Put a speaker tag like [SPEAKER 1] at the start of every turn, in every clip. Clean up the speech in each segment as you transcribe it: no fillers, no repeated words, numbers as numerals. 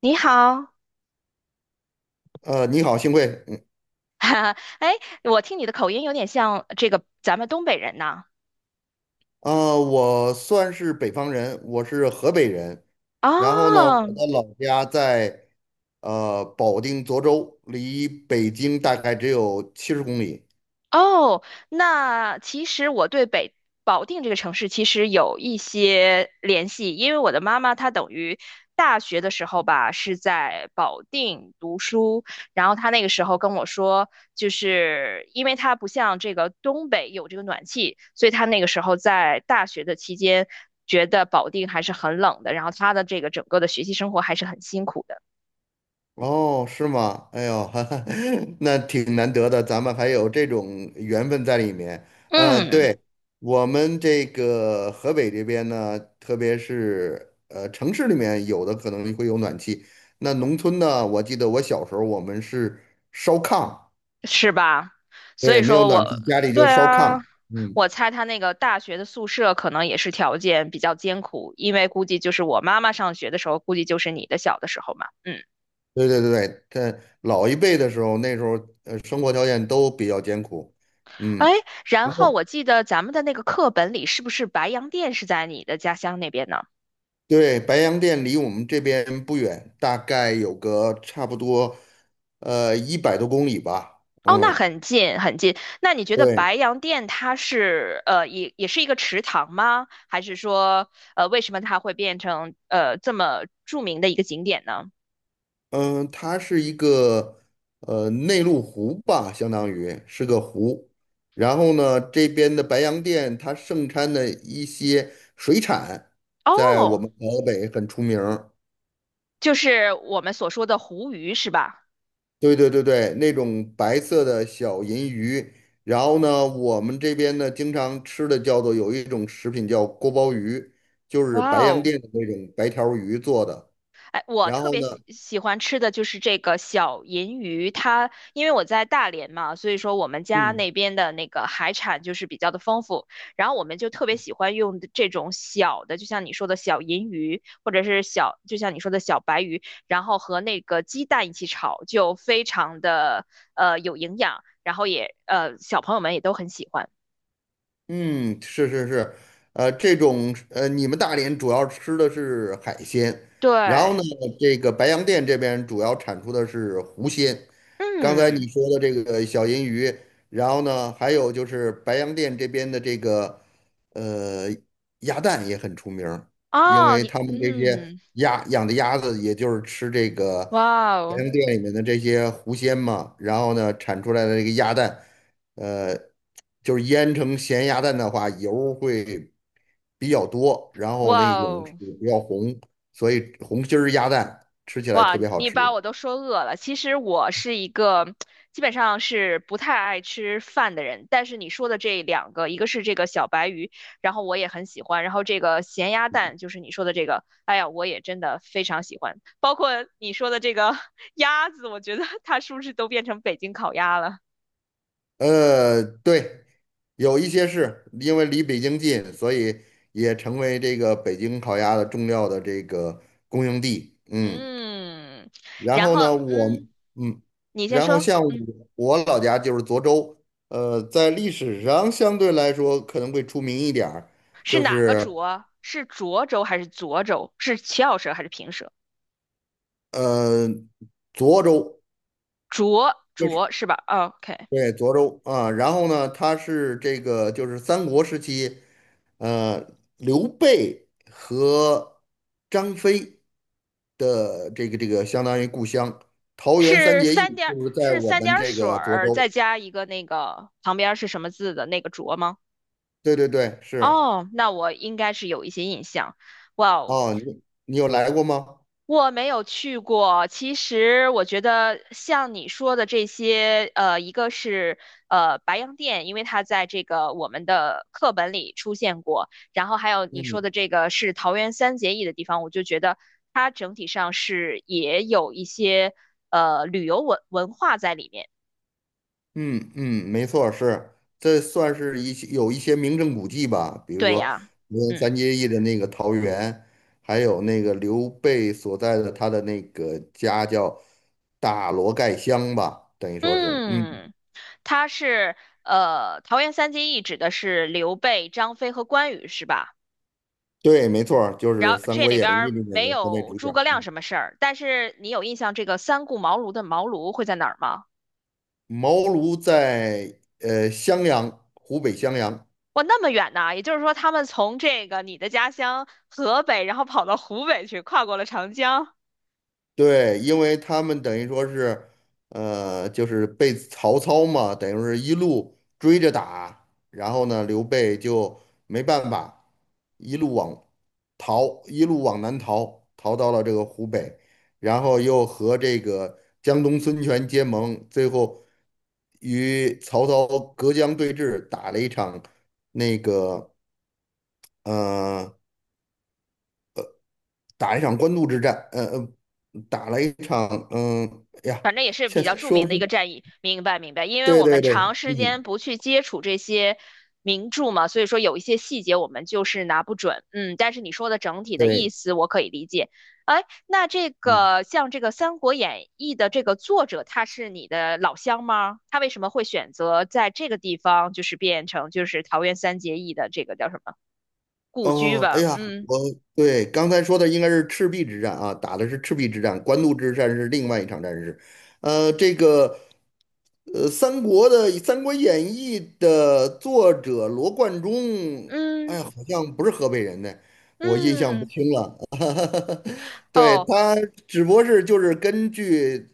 [SPEAKER 1] 你好，
[SPEAKER 2] 你好，幸会。嗯。
[SPEAKER 1] 哈哈，哎，我听你的口音有点像这个咱们东北人呐。
[SPEAKER 2] 啊、我算是北方人，我是河北人。然后呢，
[SPEAKER 1] 哦，
[SPEAKER 2] 我的老家在保定涿州，离北京大概只有70公里。
[SPEAKER 1] 哦，那其实我对保定这个城市其实有一些联系，因为我的妈妈她等于大学的时候吧是在保定读书，然后她那个时候跟我说，就是因为她不像这个东北有这个暖气，所以她那个时候在大学的期间觉得保定还是很冷的，然后她的这个整个的学习生活还是很辛苦的。
[SPEAKER 2] 哦，是吗？哎呦，哈哈。那挺难得的，咱们还有这种缘分在里面。
[SPEAKER 1] 嗯。
[SPEAKER 2] 对，我们这个河北这边呢，特别是城市里面有的可能会有暖气，那农村呢，我记得我小时候我们是烧炕，
[SPEAKER 1] 是吧？所以
[SPEAKER 2] 对，没有
[SPEAKER 1] 说我，
[SPEAKER 2] 暖气，家里就
[SPEAKER 1] 对
[SPEAKER 2] 烧炕。
[SPEAKER 1] 啊，
[SPEAKER 2] 嗯。
[SPEAKER 1] 我猜他那个大学的宿舍可能也是条件比较艰苦，因为估计就是我妈妈上学的时候，估计就是你的小的时候嘛。嗯，
[SPEAKER 2] 对对对对，在老一辈的时候，那时候生活条件都比较艰苦，
[SPEAKER 1] 哎，
[SPEAKER 2] 嗯。
[SPEAKER 1] 然
[SPEAKER 2] 然
[SPEAKER 1] 后我
[SPEAKER 2] 后。
[SPEAKER 1] 记得咱们的那个课本里是不是白洋淀是在你的家乡那边呢？
[SPEAKER 2] 对，白洋淀离我们这边不远，大概有个差不多，100多公里吧。
[SPEAKER 1] 哦，那
[SPEAKER 2] 嗯，
[SPEAKER 1] 很近很近。那你觉得
[SPEAKER 2] 对。
[SPEAKER 1] 白洋淀它是也是一个池塘吗？还是说为什么它会变成这么著名的一个景点呢？
[SPEAKER 2] 嗯、它是一个内陆湖吧，相当于是个湖。然后呢，这边的白洋淀它盛产的一些水产，在我
[SPEAKER 1] 哦，
[SPEAKER 2] 们河北很出名儿。
[SPEAKER 1] 就是我们所说的湖鱼是吧？
[SPEAKER 2] 对对对对，那种白色的小银鱼，然后呢，我们这边呢经常吃的叫做有一种食品叫锅包鱼，就是
[SPEAKER 1] 哇
[SPEAKER 2] 白洋
[SPEAKER 1] 哦，
[SPEAKER 2] 淀的那种白条鱼做的。
[SPEAKER 1] 哎，我
[SPEAKER 2] 然
[SPEAKER 1] 特
[SPEAKER 2] 后
[SPEAKER 1] 别
[SPEAKER 2] 呢。
[SPEAKER 1] 喜欢吃的就是这个小银鱼，它因为我在大连嘛，所以说我们家
[SPEAKER 2] 嗯。
[SPEAKER 1] 那边的那个海产就是比较的丰富，然后我们就特别喜欢用这种小的，就像你说的小银鱼，或者是小，就像你说的小白鱼，然后和那个鸡蛋一起炒，就非常的有营养，然后也小朋友们也都很喜欢。
[SPEAKER 2] 嗯，是是是，这种你们大连主要吃的是海鲜，然后
[SPEAKER 1] 对，
[SPEAKER 2] 呢，这个白洋淀这边主要产出的是湖鲜。刚才
[SPEAKER 1] 嗯，
[SPEAKER 2] 你说的这个小银鱼，然后呢，还有就是白洋淀这边的这个呃鸭蛋也很出名儿。因
[SPEAKER 1] 哦，
[SPEAKER 2] 为
[SPEAKER 1] 你
[SPEAKER 2] 他们这些
[SPEAKER 1] 嗯。
[SPEAKER 2] 鸭养的鸭子，也就是吃这个
[SPEAKER 1] 哇
[SPEAKER 2] 白
[SPEAKER 1] 哦，
[SPEAKER 2] 洋淀里面的这些湖鲜嘛，然后呢，产出来的这个鸭蛋。呃，就是腌成咸鸭蛋的话，油会比较多，然后
[SPEAKER 1] 哇
[SPEAKER 2] 那种是
[SPEAKER 1] 哦，
[SPEAKER 2] 比较红，所以红心儿鸭蛋吃起来特
[SPEAKER 1] 哇！
[SPEAKER 2] 别好
[SPEAKER 1] 你
[SPEAKER 2] 吃。
[SPEAKER 1] 把我都说饿了。其实我是一个基本上是不太爱吃饭的人，但是你说的这两个，一个是这个小白鱼，然后我也很喜欢，然后这个咸鸭蛋就是你说的这个，哎呀，我也真的非常喜欢。包括你说的这个 鸭子，我觉得 它是不是都变成北京烤鸭了？
[SPEAKER 2] 对，有一些是因为离北京近，所以也成为这个北京烤鸭的重要的这个供应地。嗯。
[SPEAKER 1] 嗯，
[SPEAKER 2] 然
[SPEAKER 1] 然
[SPEAKER 2] 后
[SPEAKER 1] 后
[SPEAKER 2] 呢，我
[SPEAKER 1] 嗯，
[SPEAKER 2] 嗯，
[SPEAKER 1] 你先
[SPEAKER 2] 然后
[SPEAKER 1] 说，
[SPEAKER 2] 像我
[SPEAKER 1] 嗯，
[SPEAKER 2] 我老家就是涿州，在历史上相对来说可能会出名一点儿。
[SPEAKER 1] 是
[SPEAKER 2] 就
[SPEAKER 1] 哪个
[SPEAKER 2] 是。
[SPEAKER 1] 涿啊是涿州还是涿州？是翘舌还是平舌？
[SPEAKER 2] 呃，涿州。
[SPEAKER 1] 浊
[SPEAKER 2] 就是
[SPEAKER 1] 浊是吧 OK
[SPEAKER 2] 对，涿州啊。然后呢，他是这个就是三国时期，呃，刘备和张飞的这个相当于故乡，桃园三
[SPEAKER 1] 是
[SPEAKER 2] 结义
[SPEAKER 1] 三点
[SPEAKER 2] 就是在
[SPEAKER 1] 是
[SPEAKER 2] 我
[SPEAKER 1] 三
[SPEAKER 2] 们
[SPEAKER 1] 点
[SPEAKER 2] 这
[SPEAKER 1] 水
[SPEAKER 2] 个涿
[SPEAKER 1] 儿
[SPEAKER 2] 州。
[SPEAKER 1] 再加一个那个旁边是什么字的那个浊吗？
[SPEAKER 2] 对对对，是。
[SPEAKER 1] 哦，那我应该是有一些印象。哇哦，
[SPEAKER 2] 哦，你有来过吗？
[SPEAKER 1] 我没有去过，其实我觉得像你说的这些，一个是白洋淀，因为它在这个我们的课本里出现过，然后还有你说
[SPEAKER 2] 嗯。
[SPEAKER 1] 的这个是桃园三结义的地方，我就觉得它整体上是也有一些旅游文化在里面。
[SPEAKER 2] 嗯嗯，没错儿。是，这算是一些有一些名胜古迹吧，比如
[SPEAKER 1] 对
[SPEAKER 2] 说
[SPEAKER 1] 呀，
[SPEAKER 2] 梅园
[SPEAKER 1] 嗯
[SPEAKER 2] 三结义的那个桃园，还有那个刘备所在的他的那个家叫大罗盖乡吧，等于说是。嗯，
[SPEAKER 1] 嗯，它是桃园三结义指的是刘备、张飞和关羽，是吧？
[SPEAKER 2] 对，没错儿就
[SPEAKER 1] 然
[SPEAKER 2] 是
[SPEAKER 1] 后
[SPEAKER 2] 《三
[SPEAKER 1] 这
[SPEAKER 2] 国
[SPEAKER 1] 里
[SPEAKER 2] 演
[SPEAKER 1] 边
[SPEAKER 2] 义》
[SPEAKER 1] 儿
[SPEAKER 2] 里面
[SPEAKER 1] 没
[SPEAKER 2] 的三位
[SPEAKER 1] 有
[SPEAKER 2] 主角。
[SPEAKER 1] 诸葛亮
[SPEAKER 2] 嗯，
[SPEAKER 1] 什么事儿，但是你有印象这个三顾茅庐的茅庐会在哪儿吗？
[SPEAKER 2] 茅庐在襄阳，湖北襄阳。
[SPEAKER 1] 哇，那么远呢！也就是说，他们从这个你的家乡河北，然后跑到湖北去，跨过了长江。
[SPEAKER 2] 对，因为他们等于说是，就是被曹操嘛，等于说是一路追着打，然后呢，刘备就没办法，一路往一路往南逃，逃到了这个湖北，然后又和这个江东孙权结盟，最后与曹操隔江对峙，打了一场那个，呃打一场官渡之战，打了一场，哎呀，
[SPEAKER 1] 反正也是比
[SPEAKER 2] 现
[SPEAKER 1] 较
[SPEAKER 2] 在
[SPEAKER 1] 著
[SPEAKER 2] 说
[SPEAKER 1] 名
[SPEAKER 2] 不
[SPEAKER 1] 的一
[SPEAKER 2] 出
[SPEAKER 1] 个
[SPEAKER 2] 来。
[SPEAKER 1] 战役。明白，明白。因为
[SPEAKER 2] 对
[SPEAKER 1] 我
[SPEAKER 2] 对
[SPEAKER 1] 们
[SPEAKER 2] 对。
[SPEAKER 1] 长时
[SPEAKER 2] 嗯，
[SPEAKER 1] 间不去接触这些名著嘛，所以说有一些细节我们就是拿不准。嗯，但是你说的整体的意
[SPEAKER 2] 对。
[SPEAKER 1] 思我可以理解。哎，那这
[SPEAKER 2] 嗯。
[SPEAKER 1] 个像这个《三国演义》的这个作者，他是你的老乡吗？他为什么会选择在这个地方，就是变成就是桃园三结义的这个叫什么故居
[SPEAKER 2] 哦，哎
[SPEAKER 1] 吧？
[SPEAKER 2] 呀，
[SPEAKER 1] 嗯
[SPEAKER 2] 我对刚才说的应该是赤壁之战啊，打的是赤壁之战，官渡之战是另外一场战事。呃，这个三国的《三国演义》的作者罗贯中，哎
[SPEAKER 1] 嗯
[SPEAKER 2] 呀，好像不是河北人呢，我印象不
[SPEAKER 1] 嗯，
[SPEAKER 2] 清了。对，
[SPEAKER 1] 哦，
[SPEAKER 2] 他只不过是就是根据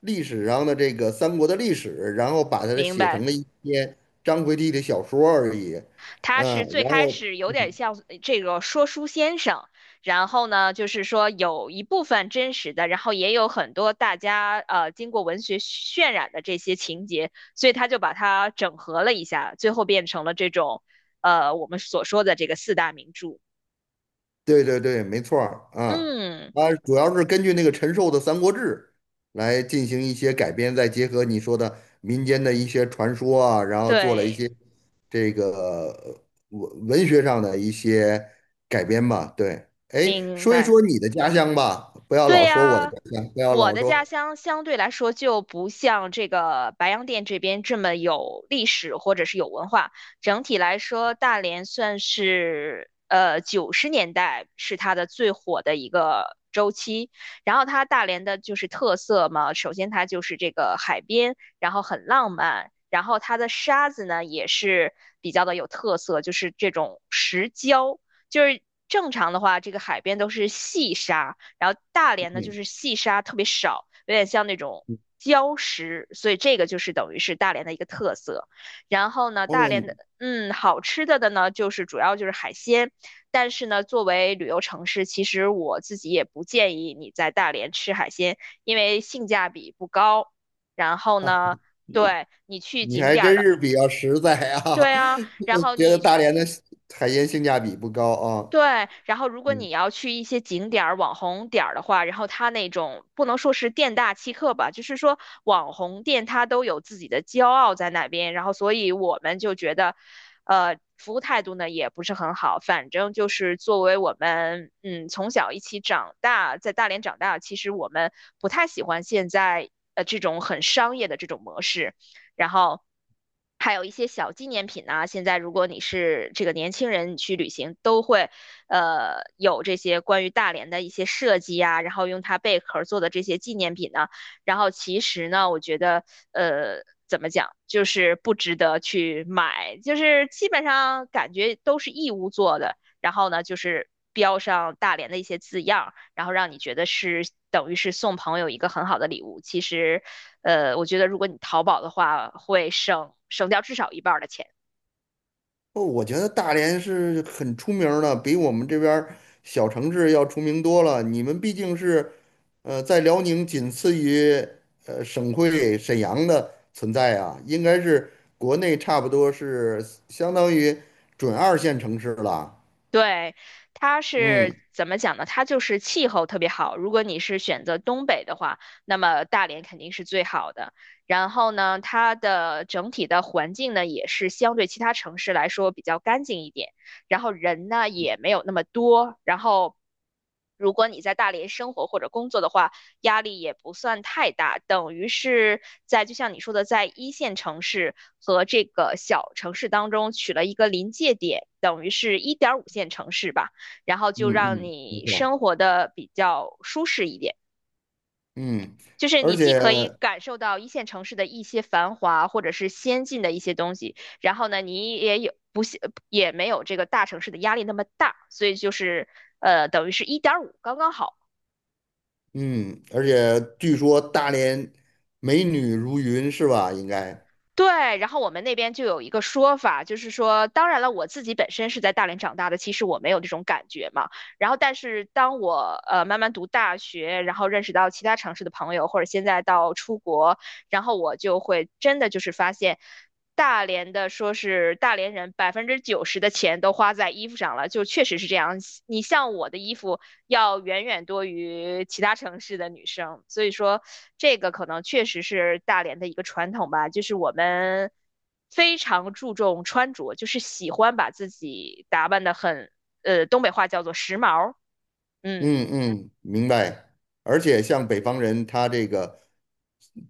[SPEAKER 2] 历史上的这个三国的历史，然后把它
[SPEAKER 1] 明
[SPEAKER 2] 写成
[SPEAKER 1] 白。
[SPEAKER 2] 了一篇张回体的小说而已。
[SPEAKER 1] 他
[SPEAKER 2] 嗯，
[SPEAKER 1] 是最
[SPEAKER 2] 然
[SPEAKER 1] 开
[SPEAKER 2] 后
[SPEAKER 1] 始有点像这个说书先生，然后呢，就是说有一部分真实的，然后也有很多大家经过文学渲染的这些情节，所以他就把它整合了一下，最后变成了这种我们所说的这个四大名著。
[SPEAKER 2] 对对对，没错儿啊。
[SPEAKER 1] 嗯，
[SPEAKER 2] 它主要是根据那个陈寿的《三国志》来进行一些改编，再结合你说的民间的一些传说啊，然后做了一
[SPEAKER 1] 对，
[SPEAKER 2] 些这个呃文学上的一些改编吧。对，哎，
[SPEAKER 1] 明
[SPEAKER 2] 说一
[SPEAKER 1] 白。
[SPEAKER 2] 说你的家乡吧，不要
[SPEAKER 1] 对
[SPEAKER 2] 老说我的
[SPEAKER 1] 呀，
[SPEAKER 2] 家乡，不要
[SPEAKER 1] 我
[SPEAKER 2] 老
[SPEAKER 1] 的家
[SPEAKER 2] 说。
[SPEAKER 1] 乡相对来说就不像这个白洋淀这边这么有历史或者是有文化。整体来说，大连算是90年代是它的最火的一个周期。然后它大连的就是特色嘛，首先它就是这个海边，然后很浪漫，然后它的沙子呢也是比较的有特色，就是这种石胶。就是正常的话，这个海边都是细沙，然后大连呢就
[SPEAKER 2] 嗯
[SPEAKER 1] 是细沙特别少，有点像那种礁石，所以这个就是等于是大连的一个特色。然后呢，
[SPEAKER 2] 哦，
[SPEAKER 1] 大连的
[SPEAKER 2] 你
[SPEAKER 1] 好吃的呢，就是主要就是海鲜，但是呢，作为旅游城市，其实我自己也不建议你在大连吃海鲜，因为性价比不高。然后
[SPEAKER 2] 啊，
[SPEAKER 1] 呢，对你去
[SPEAKER 2] 你
[SPEAKER 1] 景
[SPEAKER 2] 还
[SPEAKER 1] 点儿
[SPEAKER 2] 真
[SPEAKER 1] 的。
[SPEAKER 2] 是比较实在啊，
[SPEAKER 1] 对啊，然后
[SPEAKER 2] 觉得
[SPEAKER 1] 你
[SPEAKER 2] 大
[SPEAKER 1] 去
[SPEAKER 2] 连的海鲜性价比不高啊。
[SPEAKER 1] 对，然后如果
[SPEAKER 2] 嗯
[SPEAKER 1] 你要去一些景点儿、网红点儿的话，然后它那种不能说是店大欺客吧，就是说网红店它都有自己的骄傲在那边，然后所以我们就觉得，服务态度呢也不是很好，反正就是作为我们从小一起长大，在大连长大，其实我们不太喜欢现在这种很商业的这种模式，然后。还有一些小纪念品啊，现在如果你是这个年轻人，你去旅行都会有这些关于大连的一些设计啊，然后用它贝壳做的这些纪念品呢，然后其实呢，我觉得怎么讲，就是不值得去买，就是基本上感觉都是义乌做的，然后呢就是标上大连的一些字样，然后让你觉得是等于是送朋友一个很好的礼物。其实，我觉得如果你淘宝的话，会省掉至少一半儿的钱。
[SPEAKER 2] 哦，我觉得大连是很出名儿的，比我们这边儿小城市要出名多了。你们毕竟是，在辽宁仅次于省会沈阳的存在啊，应该是国内差不多是相当于准二线城市了。
[SPEAKER 1] 对，它是
[SPEAKER 2] 嗯
[SPEAKER 1] 怎么讲呢？它就是气候特别好。如果你是选择东北的话，那么大连肯定是最好的。然后呢，它的整体的环境呢，也是相对其他城市来说比较干净一点。然后人呢，也没有那么多。然后，如果你在大连生活或者工作的话，压力也不算太大，等于是在就像你说的，在一线城市和这个小城市当中取了一个临界点，等于是1.5线城市吧，然后
[SPEAKER 2] 嗯
[SPEAKER 1] 就让
[SPEAKER 2] 嗯，没
[SPEAKER 1] 你
[SPEAKER 2] 错。
[SPEAKER 1] 生活的比较舒适一点。
[SPEAKER 2] 嗯，
[SPEAKER 1] 就是
[SPEAKER 2] 而
[SPEAKER 1] 你既
[SPEAKER 2] 且
[SPEAKER 1] 可以感受到一线城市的一些繁华或者是先进的一些东西，然后呢，你也没有这个大城市的压力那么大，所以就是等于是一点五刚刚好。
[SPEAKER 2] 嗯，而且据说大连美女如云，是吧？应该。
[SPEAKER 1] 对，然后我们那边就有一个说法，就是说，当然了，我自己本身是在大连长大的，其实我没有这种感觉嘛。然后，但是当我慢慢读大学，然后认识到其他城市的朋友，或者现在到出国，然后我就会真的就是发现，大连的说是大连人90%的钱都花在衣服上了，就确实是这样。你像我的衣服。要远远多于其他城市的女生，所以说这个可能确实是大连的一个传统吧，就是我们非常注重穿着，就是喜欢把自己打扮得很，东北话叫做时髦，嗯。
[SPEAKER 2] 嗯嗯，明白。而且像北方人，他这个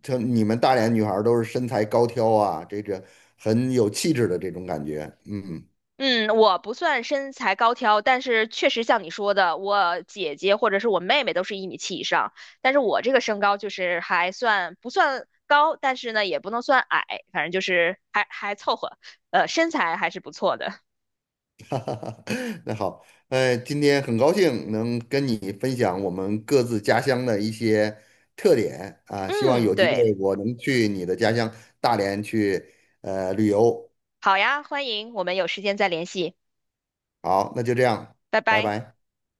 [SPEAKER 2] 你们大连女孩儿都是身材高挑啊，这个很有气质的这种感觉。嗯，
[SPEAKER 1] 嗯，我不算身材高挑，但是确实像你说的，我姐姐或者是我妹妹都是1.7米以上，但是我这个身高就是还算不算高，但是呢也不能算矮，反正就是还凑合，身材还是不错的。
[SPEAKER 2] 哈哈哈。那好，今天很高兴能跟你分享我们各自家乡的一些特点啊，希望
[SPEAKER 1] 嗯，
[SPEAKER 2] 有机
[SPEAKER 1] 对，
[SPEAKER 2] 会我能去你的家乡大连去旅游。
[SPEAKER 1] 好呀，欢迎，我们有时间再联系，
[SPEAKER 2] 好，那就这样，
[SPEAKER 1] 拜
[SPEAKER 2] 拜
[SPEAKER 1] 拜。
[SPEAKER 2] 拜。